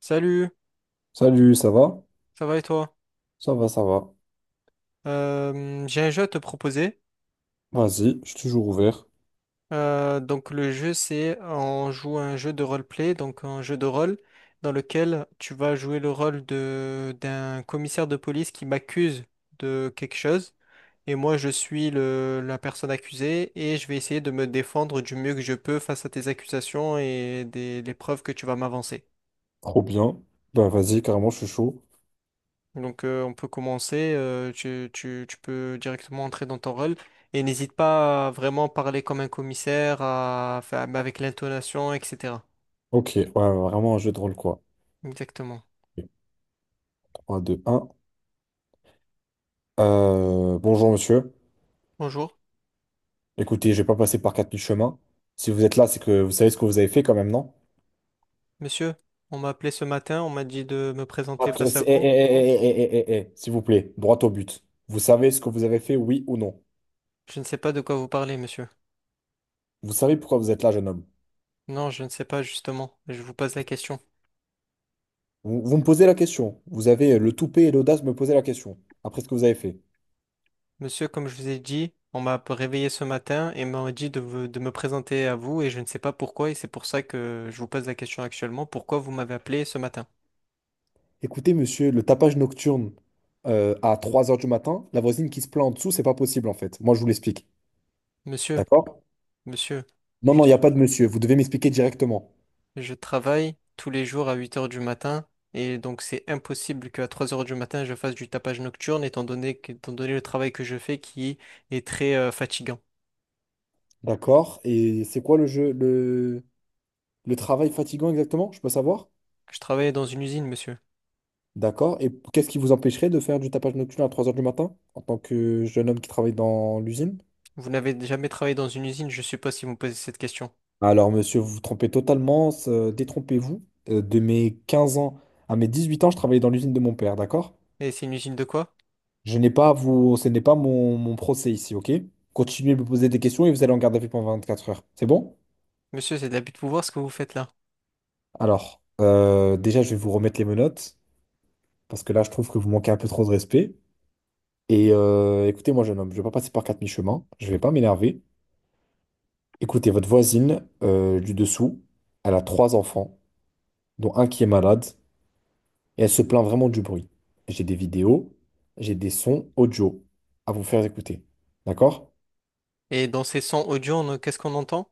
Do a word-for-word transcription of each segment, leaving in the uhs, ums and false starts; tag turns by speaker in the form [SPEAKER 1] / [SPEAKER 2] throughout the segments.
[SPEAKER 1] Salut,
[SPEAKER 2] Salut, ça va?
[SPEAKER 1] ça va et toi?
[SPEAKER 2] Ça va, ça va.
[SPEAKER 1] Euh, j'ai un jeu à te proposer.
[SPEAKER 2] Vas-y, je suis toujours ouvert.
[SPEAKER 1] Euh, donc le jeu c'est on joue à un jeu de roleplay, donc un jeu de rôle dans lequel tu vas jouer le rôle de d'un commissaire de police qui m'accuse de quelque chose et moi je suis le, la personne accusée et je vais essayer de me défendre du mieux que je peux face à tes accusations et des, les preuves que tu vas m'avancer.
[SPEAKER 2] Trop bien. Ben vas-y, carrément, je suis chaud.
[SPEAKER 1] Donc euh, on peut commencer, euh, tu, tu, tu peux directement entrer dans ton rôle et n'hésite pas à vraiment parler comme un commissaire, à, faire- mais avec l'intonation, et cetera.
[SPEAKER 2] Ok, ouais, vraiment un jeu de rôle, quoi.
[SPEAKER 1] Exactement.
[SPEAKER 2] Ok, trois, deux, un. Euh, bonjour, monsieur.
[SPEAKER 1] Bonjour,
[SPEAKER 2] Écoutez, je vais pas passer par quatre mille chemins. Si vous êtes là, c'est que vous savez ce que vous avez fait quand même, non?
[SPEAKER 1] monsieur. On m'a appelé ce matin, on m'a dit de me présenter
[SPEAKER 2] Droite- euh,
[SPEAKER 1] face à
[SPEAKER 2] c'est- eh,
[SPEAKER 1] vous.
[SPEAKER 2] eh, eh, eh, eh, eh, eh, eh, eh, s'il vous plaît, droit au but. Vous savez ce que vous avez fait, oui ou non?
[SPEAKER 1] Je ne sais pas de quoi vous parlez, monsieur.
[SPEAKER 2] Vous savez pourquoi vous êtes là, jeune homme?
[SPEAKER 1] Non, je ne sais pas justement. Je vous pose la question.
[SPEAKER 2] Vous, vous me posez la question. Vous avez euh, le toupet et l'audace de me poser la question. Après ce que vous avez fait.
[SPEAKER 1] Monsieur, comme je vous ai dit, on m'a réveillé ce matin et m'a dit de, vous- de me présenter à vous et je ne sais pas pourquoi et c'est pour ça que je vous pose la question actuellement. Pourquoi vous m'avez appelé ce matin?
[SPEAKER 2] Écoutez, monsieur, le tapage nocturne euh, à trois heures du matin, la voisine qui se plaint en dessous, c'est pas possible en fait. Moi, je vous l'explique.
[SPEAKER 1] Monsieur.
[SPEAKER 2] D'accord?
[SPEAKER 1] Monsieur,
[SPEAKER 2] Non,
[SPEAKER 1] je,
[SPEAKER 2] non, il n'y a pas de monsieur. Vous devez m'expliquer directement.
[SPEAKER 1] je travaille tous les jours à huit heures du matin et donc c'est impossible qu'à trois heures du matin je fasse du tapage nocturne étant donné, que- étant donné le travail que je fais qui est très euh, fatigant.
[SPEAKER 2] D'accord? Et c'est quoi le jeu, le, le travail fatigant exactement? Je peux savoir?
[SPEAKER 1] Je travaille dans une usine, monsieur.
[SPEAKER 2] D'accord? Et qu'est-ce qui vous empêcherait de faire du tapage nocturne à trois heures du matin en tant que jeune homme qui travaille dans l'usine?
[SPEAKER 1] Vous n'avez jamais travaillé dans une usine, je suppose, si vous me posez cette question.
[SPEAKER 2] Alors, monsieur, vous vous trompez totalement. Euh, détrompez-vous. Euh, de mes quinze ans à mes dix-huit ans, je travaillais dans l'usine de mon père. D'accord?
[SPEAKER 1] Et c'est une usine de quoi?
[SPEAKER 2] Je n'ai pas à vous, Ce n'est pas mon, mon procès ici, ok? Continuez de me poser des questions et vous allez en garde à vue pendant vingt-quatre heures. C'est bon?
[SPEAKER 1] Monsieur, c'est de l'abus de pouvoir ce que vous faites là.
[SPEAKER 2] Alors, euh, déjà, je vais vous remettre les menottes parce que là, je trouve que vous manquez un peu trop de respect. Et euh, écoutez-moi, jeune homme, je ne vais pas passer par quatre mi-chemins. Je ne vais pas m'énerver. Écoutez, votre voisine euh, du dessous, elle a trois enfants, dont un qui est malade, et elle se plaint vraiment du bruit. J'ai des vidéos, j'ai des sons audio à vous faire écouter. D'accord?
[SPEAKER 1] Et dans ces sons audio, on- qu'est-ce qu'on entend?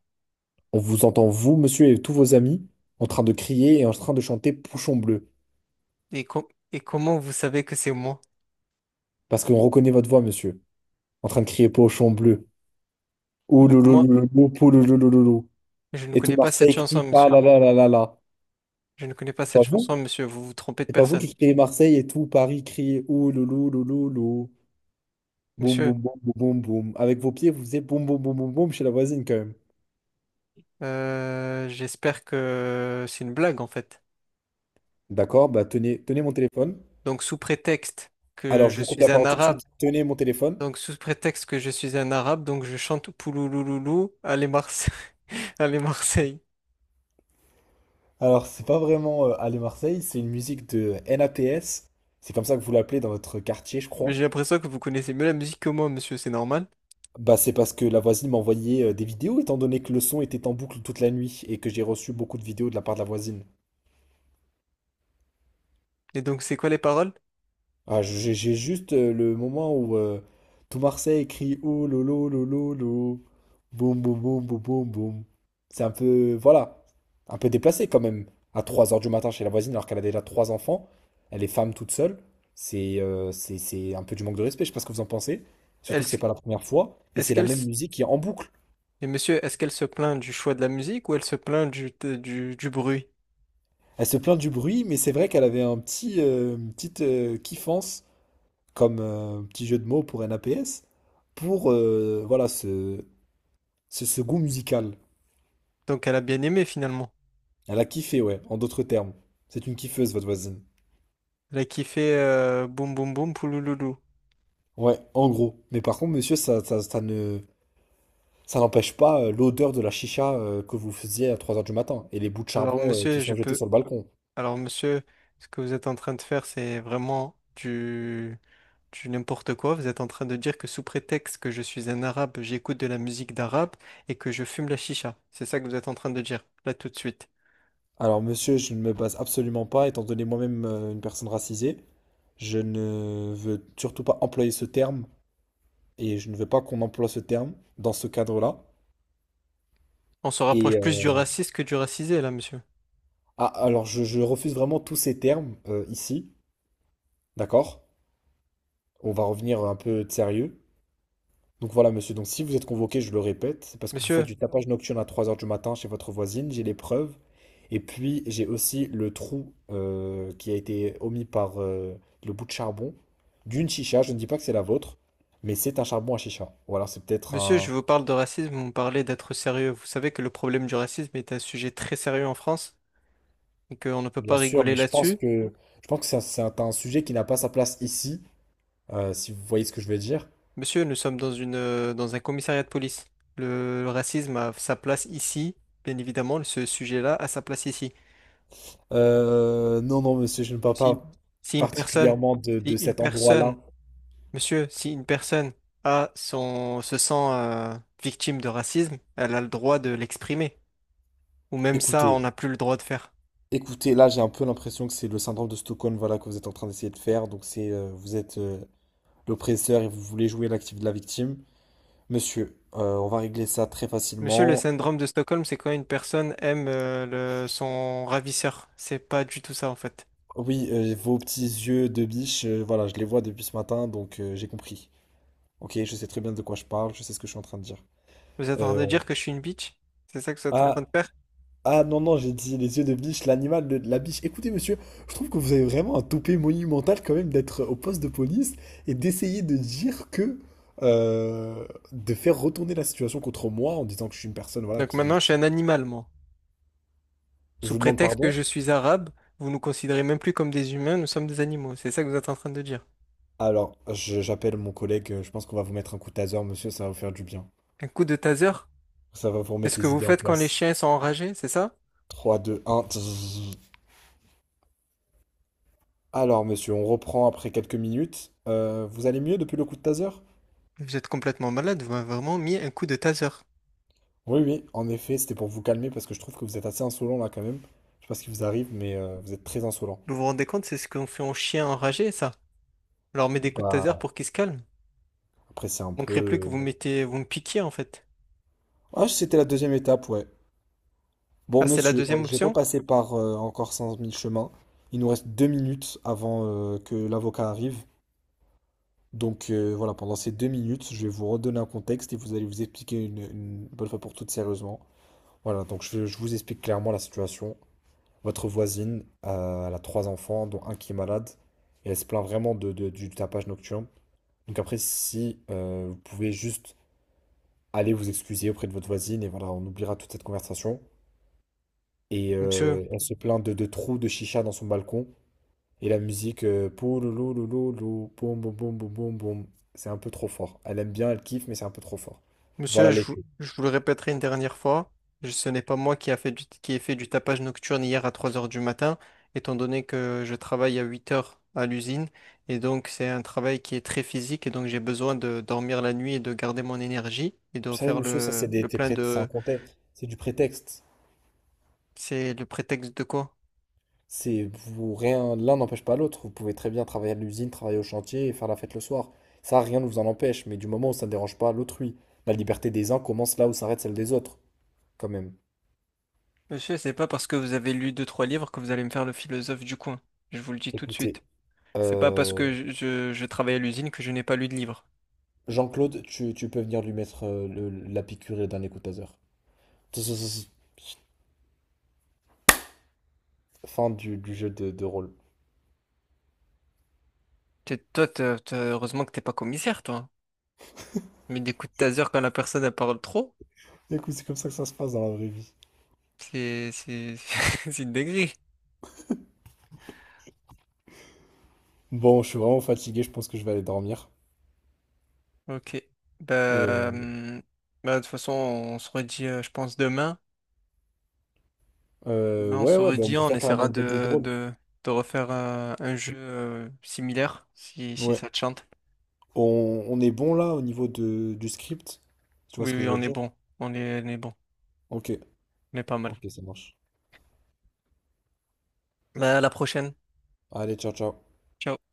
[SPEAKER 2] On vous entend, vous, monsieur, et tous vos amis, en train de crier et en train de chanter Pochon bleu.
[SPEAKER 1] Et, com- et comment vous savez que c'est moi?
[SPEAKER 2] Parce qu'on reconnaît votre voix, monsieur. En train de crier Pochon bleu.
[SPEAKER 1] Donc moi,
[SPEAKER 2] Ouloulouloulou, pouloulouloulou.
[SPEAKER 1] je ne
[SPEAKER 2] Et tout
[SPEAKER 1] connais pas cette
[SPEAKER 2] Marseille
[SPEAKER 1] chanson,
[SPEAKER 2] crie ah
[SPEAKER 1] monsieur.
[SPEAKER 2] là là là là là.
[SPEAKER 1] Je ne connais pas
[SPEAKER 2] C'est pas
[SPEAKER 1] cette chanson,
[SPEAKER 2] vous?
[SPEAKER 1] monsieur. Vous vous trompez de
[SPEAKER 2] C'est pas vous
[SPEAKER 1] personne.
[SPEAKER 2] qui criez Marseille et tout Paris crie Ouloulouloulou. Boum
[SPEAKER 1] Monsieur.
[SPEAKER 2] boum boum boum boum boum. Avec vos pieds, vous faisiez boum boum boum boum boum chez la voisine quand même.
[SPEAKER 1] Euh, j'espère que c'est une blague en fait.
[SPEAKER 2] D'accord, bah tenez, tenez mon téléphone.
[SPEAKER 1] Donc sous prétexte que
[SPEAKER 2] Alors je
[SPEAKER 1] je
[SPEAKER 2] vous coupe la
[SPEAKER 1] suis un
[SPEAKER 2] parole tout de
[SPEAKER 1] arabe,
[SPEAKER 2] suite. Tenez mon téléphone.
[SPEAKER 1] donc sous prétexte que je suis un arabe, donc je chante Pouloulouloulou, allez Marseille, allez Marseille.
[SPEAKER 2] Alors, c'est pas vraiment euh, Aller Marseille, c'est une musique de NAPS. C'est comme ça que vous l'appelez dans votre quartier, je
[SPEAKER 1] Mais
[SPEAKER 2] crois.
[SPEAKER 1] j'ai l'impression que vous connaissez mieux la musique que moi, monsieur, c'est normal.
[SPEAKER 2] Bah, c'est parce que la voisine m'a envoyé euh, des vidéos, étant donné que le son était en boucle toute la nuit et que j'ai reçu beaucoup de vidéos de la part de la voisine.
[SPEAKER 1] Et donc c'est quoi les paroles?
[SPEAKER 2] Ah, j'ai j'ai juste euh, le moment où euh, tout Marseille crie oh lolo lolo lolo. Boum boum boum boum boum boum. C'est un peu, voilà, un peu déplacé quand même. À trois heures du matin chez la voisine alors qu'elle a déjà trois enfants. Elle est femme toute seule. C'est euh, c'est c'est un peu du manque de respect, je sais pas ce que vous en pensez. Surtout que
[SPEAKER 1] Est-ce
[SPEAKER 2] c'est pas la première fois. Et
[SPEAKER 1] est-ce
[SPEAKER 2] c'est la
[SPEAKER 1] qu'elle
[SPEAKER 2] même
[SPEAKER 1] s-
[SPEAKER 2] musique qui est en boucle.
[SPEAKER 1] mais monsieur, est-ce qu'elle se plaint du choix de la musique ou elle se plaint du, du, du bruit?
[SPEAKER 2] Elle se plaint du bruit, mais c'est vrai qu'elle avait un petit, euh, une petite euh, kiffance, comme euh, petit jeu de mots pour un A P S, pour euh, voilà, se, c'est ce goût musical.
[SPEAKER 1] Donc elle a bien aimé finalement.
[SPEAKER 2] Elle a kiffé, ouais, en d'autres termes. C'est une kiffeuse, votre voisine.
[SPEAKER 1] Elle a kiffé euh, boum boum boum poulouloulou.
[SPEAKER 2] Ouais, en gros. Mais par contre, monsieur, ça, ça, ça ne, ça n'empêche pas euh, l'odeur de la chicha euh, que vous faisiez à trois heures du matin et les bouts de
[SPEAKER 1] Alors
[SPEAKER 2] charbon euh, qui
[SPEAKER 1] monsieur, je
[SPEAKER 2] sont jetés
[SPEAKER 1] peux
[SPEAKER 2] sur le balcon.
[SPEAKER 1] Alors, monsieur, ce que vous êtes en train de faire, c'est vraiment du, du n'importe quoi. Vous êtes en train de dire que sous prétexte que je suis un arabe, j'écoute de la musique d'arabe et que je fume la chicha. C'est ça que vous êtes en train de dire, là tout de suite.
[SPEAKER 2] Alors, monsieur, je ne me base absolument pas, étant donné moi-même euh, une personne racisée, je ne veux surtout pas employer ce terme et je ne veux pas qu'on emploie ce terme dans ce cadre-là.
[SPEAKER 1] On se rapproche
[SPEAKER 2] Et euh,
[SPEAKER 1] plus du raciste que du racisé, là, monsieur.
[SPEAKER 2] ah, alors, je, je refuse vraiment tous ces termes euh, ici, d'accord? On va revenir un peu sérieux. Donc voilà, monsieur, donc si vous êtes convoqué, je le répète, c'est parce que vous faites
[SPEAKER 1] Monsieur,
[SPEAKER 2] du tapage nocturne à trois heures du matin chez votre voisine, j'ai les preuves. Et puis j'ai aussi le trou euh, qui a été omis par euh, le bout de charbon d'une chicha. Je ne dis pas que c'est la vôtre, mais c'est un charbon à chicha. Voilà, c'est peut-être
[SPEAKER 1] monsieur, je
[SPEAKER 2] un...
[SPEAKER 1] vous parle de racisme, vous me parlez d'être sérieux. Vous savez que le problème du racisme est un sujet très sérieux en France et qu'on ne peut
[SPEAKER 2] Bien
[SPEAKER 1] pas
[SPEAKER 2] sûr,
[SPEAKER 1] rigoler
[SPEAKER 2] mais je pense
[SPEAKER 1] là-dessus.
[SPEAKER 2] que, je pense que c'est un, c'est un- un sujet qui n'a pas sa place ici, euh, si vous voyez ce que je veux dire.
[SPEAKER 1] Monsieur, nous sommes dans une, euh, dans un commissariat de police. Le, le racisme a sa place ici, bien évidemment, ce sujet-là a sa place ici.
[SPEAKER 2] Euh, non, non, monsieur, je ne parle
[SPEAKER 1] Si une,
[SPEAKER 2] pas
[SPEAKER 1] si une personne,
[SPEAKER 2] particulièrement de
[SPEAKER 1] si
[SPEAKER 2] de
[SPEAKER 1] une
[SPEAKER 2] cet endroit-là.
[SPEAKER 1] personne, monsieur, si une personne a son, se sent euh, victime de racisme, elle a le droit de l'exprimer. Ou même ça, on
[SPEAKER 2] Écoutez,
[SPEAKER 1] n'a plus le droit de faire.
[SPEAKER 2] écoutez, là, j'ai un peu l'impression que c'est le syndrome de Stockholm, voilà, que vous êtes en train d'essayer de faire. Donc, c'est, euh, vous êtes euh, l'oppresseur et vous voulez jouer l'actif de la victime. Monsieur, euh, on va régler ça très
[SPEAKER 1] Monsieur, le
[SPEAKER 2] facilement.
[SPEAKER 1] syndrome de Stockholm, c'est quand une personne aime euh, le- son ravisseur. C'est pas du tout ça, en fait.
[SPEAKER 2] Oui, euh, vos petits yeux de biche, euh, voilà, je les vois depuis ce matin, donc euh, j'ai compris. Ok, je sais très bien de quoi je parle, je sais ce que je suis en train de dire.
[SPEAKER 1] Vous êtes en train
[SPEAKER 2] Euh,
[SPEAKER 1] de dire
[SPEAKER 2] on-
[SPEAKER 1] que je suis une bitch? C'est ça que vous êtes en train
[SPEAKER 2] Ah,
[SPEAKER 1] de faire?
[SPEAKER 2] ah non, non, j'ai dit les yeux de biche, l'animal de de la biche. Écoutez, monsieur, je trouve que vous avez vraiment un toupet monumental quand même d'être au poste de police et d'essayer de dire que... euh, de faire retourner la situation contre moi en disant que je suis une personne, voilà,
[SPEAKER 1] Donc maintenant,
[SPEAKER 2] qui...
[SPEAKER 1] je suis
[SPEAKER 2] qui-
[SPEAKER 1] un animal, moi.
[SPEAKER 2] Je
[SPEAKER 1] Sous
[SPEAKER 2] vous demande
[SPEAKER 1] prétexte que
[SPEAKER 2] pardon.
[SPEAKER 1] je suis arabe, vous nous considérez même plus comme des humains, nous sommes des animaux. C'est ça que vous êtes en train de dire.
[SPEAKER 2] Alors, je- j'appelle mon collègue, euh, je pense qu'on va vous mettre un coup de taser, monsieur, ça va vous faire du bien.
[SPEAKER 1] Un coup de taser,
[SPEAKER 2] Ça va vous
[SPEAKER 1] c'est ce
[SPEAKER 2] remettre
[SPEAKER 1] que
[SPEAKER 2] les
[SPEAKER 1] vous
[SPEAKER 2] idées en
[SPEAKER 1] faites quand les
[SPEAKER 2] place.
[SPEAKER 1] chiens sont enragés, c'est ça?
[SPEAKER 2] Trois, deux, un. Alors, monsieur, on reprend après quelques minutes. Euh, vous allez mieux depuis le coup de taser?
[SPEAKER 1] Vous êtes complètement malade, vous m'avez vraiment mis un coup de taser.
[SPEAKER 2] Oui, oui, en effet, c'était pour vous calmer parce que je trouve que vous êtes assez insolent là quand même. Je sais pas ce qui vous arrive, mais euh, vous êtes très insolent.
[SPEAKER 1] Vous vous rendez compte, c'est ce qu'on fait aux chiens enragés, ça? On leur met des coups de taser
[SPEAKER 2] Bah,
[SPEAKER 1] pour qu'ils se calment.
[SPEAKER 2] après, c'est un
[SPEAKER 1] On ne crée plus que
[SPEAKER 2] peu.
[SPEAKER 1] vous mettez, vous me piquiez en fait.
[SPEAKER 2] Ah, c'était la deuxième étape, ouais. Bon,
[SPEAKER 1] Ah, c'est la
[SPEAKER 2] monsieur, oh,
[SPEAKER 1] deuxième
[SPEAKER 2] je vais pas
[SPEAKER 1] option?
[SPEAKER 2] passer par euh, encore cent mille chemins. Il nous reste deux minutes avant euh, que l'avocat arrive. Donc euh, voilà, pendant ces deux minutes, je vais vous redonner un contexte et vous allez vous expliquer une, une bonne fois pour toutes sérieusement. Voilà, donc je, je vous explique clairement la situation. Votre voisine, euh, elle a trois enfants, dont un qui est malade, et elle se plaint vraiment de, de- du tapage nocturne. Donc après, si euh, vous pouvez juste aller vous excuser auprès de votre voisine, et voilà, on oubliera toute cette conversation. Et
[SPEAKER 1] Monsieur,
[SPEAKER 2] euh, elle se plaint de, de trous de chicha dans son balcon, et la musique, euh, pouloulou, louloulou, boum, boum, boum, boum, boum, boum. C'est un peu trop fort. Elle aime bien, elle kiffe, mais c'est un peu trop fort.
[SPEAKER 1] Monsieur,
[SPEAKER 2] Voilà
[SPEAKER 1] je
[SPEAKER 2] les
[SPEAKER 1] vous,
[SPEAKER 2] clés.
[SPEAKER 1] je vous le répéterai une dernière fois, je- ce n'est pas moi qui a fait du, qui ai fait du tapage nocturne hier à trois heures du matin, étant donné que je travaille à huit heures à l'usine, et donc c'est un travail qui est très physique, et donc j'ai besoin de dormir la nuit et de garder mon énergie, et de
[SPEAKER 2] Vous savez,
[SPEAKER 1] faire
[SPEAKER 2] monsieur, ça c'est
[SPEAKER 1] le,
[SPEAKER 2] des,
[SPEAKER 1] le
[SPEAKER 2] des
[SPEAKER 1] plein
[SPEAKER 2] prét- c'est un
[SPEAKER 1] de...
[SPEAKER 2] contexte, c'est du prétexte.
[SPEAKER 1] C'est le prétexte de quoi?
[SPEAKER 2] C'est vous rien, l'un n'empêche pas l'autre. Vous pouvez très bien travailler à l'usine, travailler au chantier et faire la fête le soir. Ça, rien ne vous en empêche, mais du moment où ça ne dérange pas l'autrui, la liberté des uns commence là où s'arrête celle des autres, quand même.
[SPEAKER 1] Monsieur, c'est pas parce que vous avez lu deux, trois livres que vous allez me faire le philosophe du coin. Je vous le dis tout de
[SPEAKER 2] Écoutez,
[SPEAKER 1] suite. C'est pas parce
[SPEAKER 2] euh,
[SPEAKER 1] que je, je- je travaille à l'usine que je n'ai pas lu de livres.
[SPEAKER 2] Jean-Claude, tu, tu peux venir lui mettre euh, le- la piqûre et le coup taser. Fin du, du jeu de, de rôle.
[SPEAKER 1] T'es- Toi, t'as- t'as- heureusement que t'es pas commissaire, toi. Mais des coups de taser quand la personne elle parle trop,
[SPEAKER 2] Écoute, c'est comme ça que ça se passe dans la vraie vie.
[SPEAKER 1] c'est c'est c'est une dinguerie.
[SPEAKER 2] Bon, je suis vraiment fatigué, je pense que je vais aller dormir.
[SPEAKER 1] Ok.
[SPEAKER 2] Et
[SPEAKER 1] Bah,
[SPEAKER 2] euh,
[SPEAKER 1] hum, bah de toute façon on se redit, euh, je pense demain.
[SPEAKER 2] euh,
[SPEAKER 1] Demain on
[SPEAKER 2] ouais,
[SPEAKER 1] se
[SPEAKER 2] ouais, bah, on
[SPEAKER 1] redit,
[SPEAKER 2] peut
[SPEAKER 1] on
[SPEAKER 2] faire
[SPEAKER 1] essaiera
[SPEAKER 2] carrément d'autres jeux de
[SPEAKER 1] de
[SPEAKER 2] rôle.
[SPEAKER 1] de, de refaire euh, un jeu euh, similaire si si
[SPEAKER 2] Ouais.
[SPEAKER 1] ça te chante.
[SPEAKER 2] On, on est bon là au niveau de, du script? Tu vois
[SPEAKER 1] Oui
[SPEAKER 2] ce que
[SPEAKER 1] oui
[SPEAKER 2] je veux
[SPEAKER 1] on est
[SPEAKER 2] dire?
[SPEAKER 1] bon, on est on est bon,
[SPEAKER 2] Ok,
[SPEAKER 1] on est pas mal.
[SPEAKER 2] ok, ça marche.
[SPEAKER 1] Bah, à la prochaine.
[SPEAKER 2] Allez, ciao, ciao.
[SPEAKER 1] Ciao.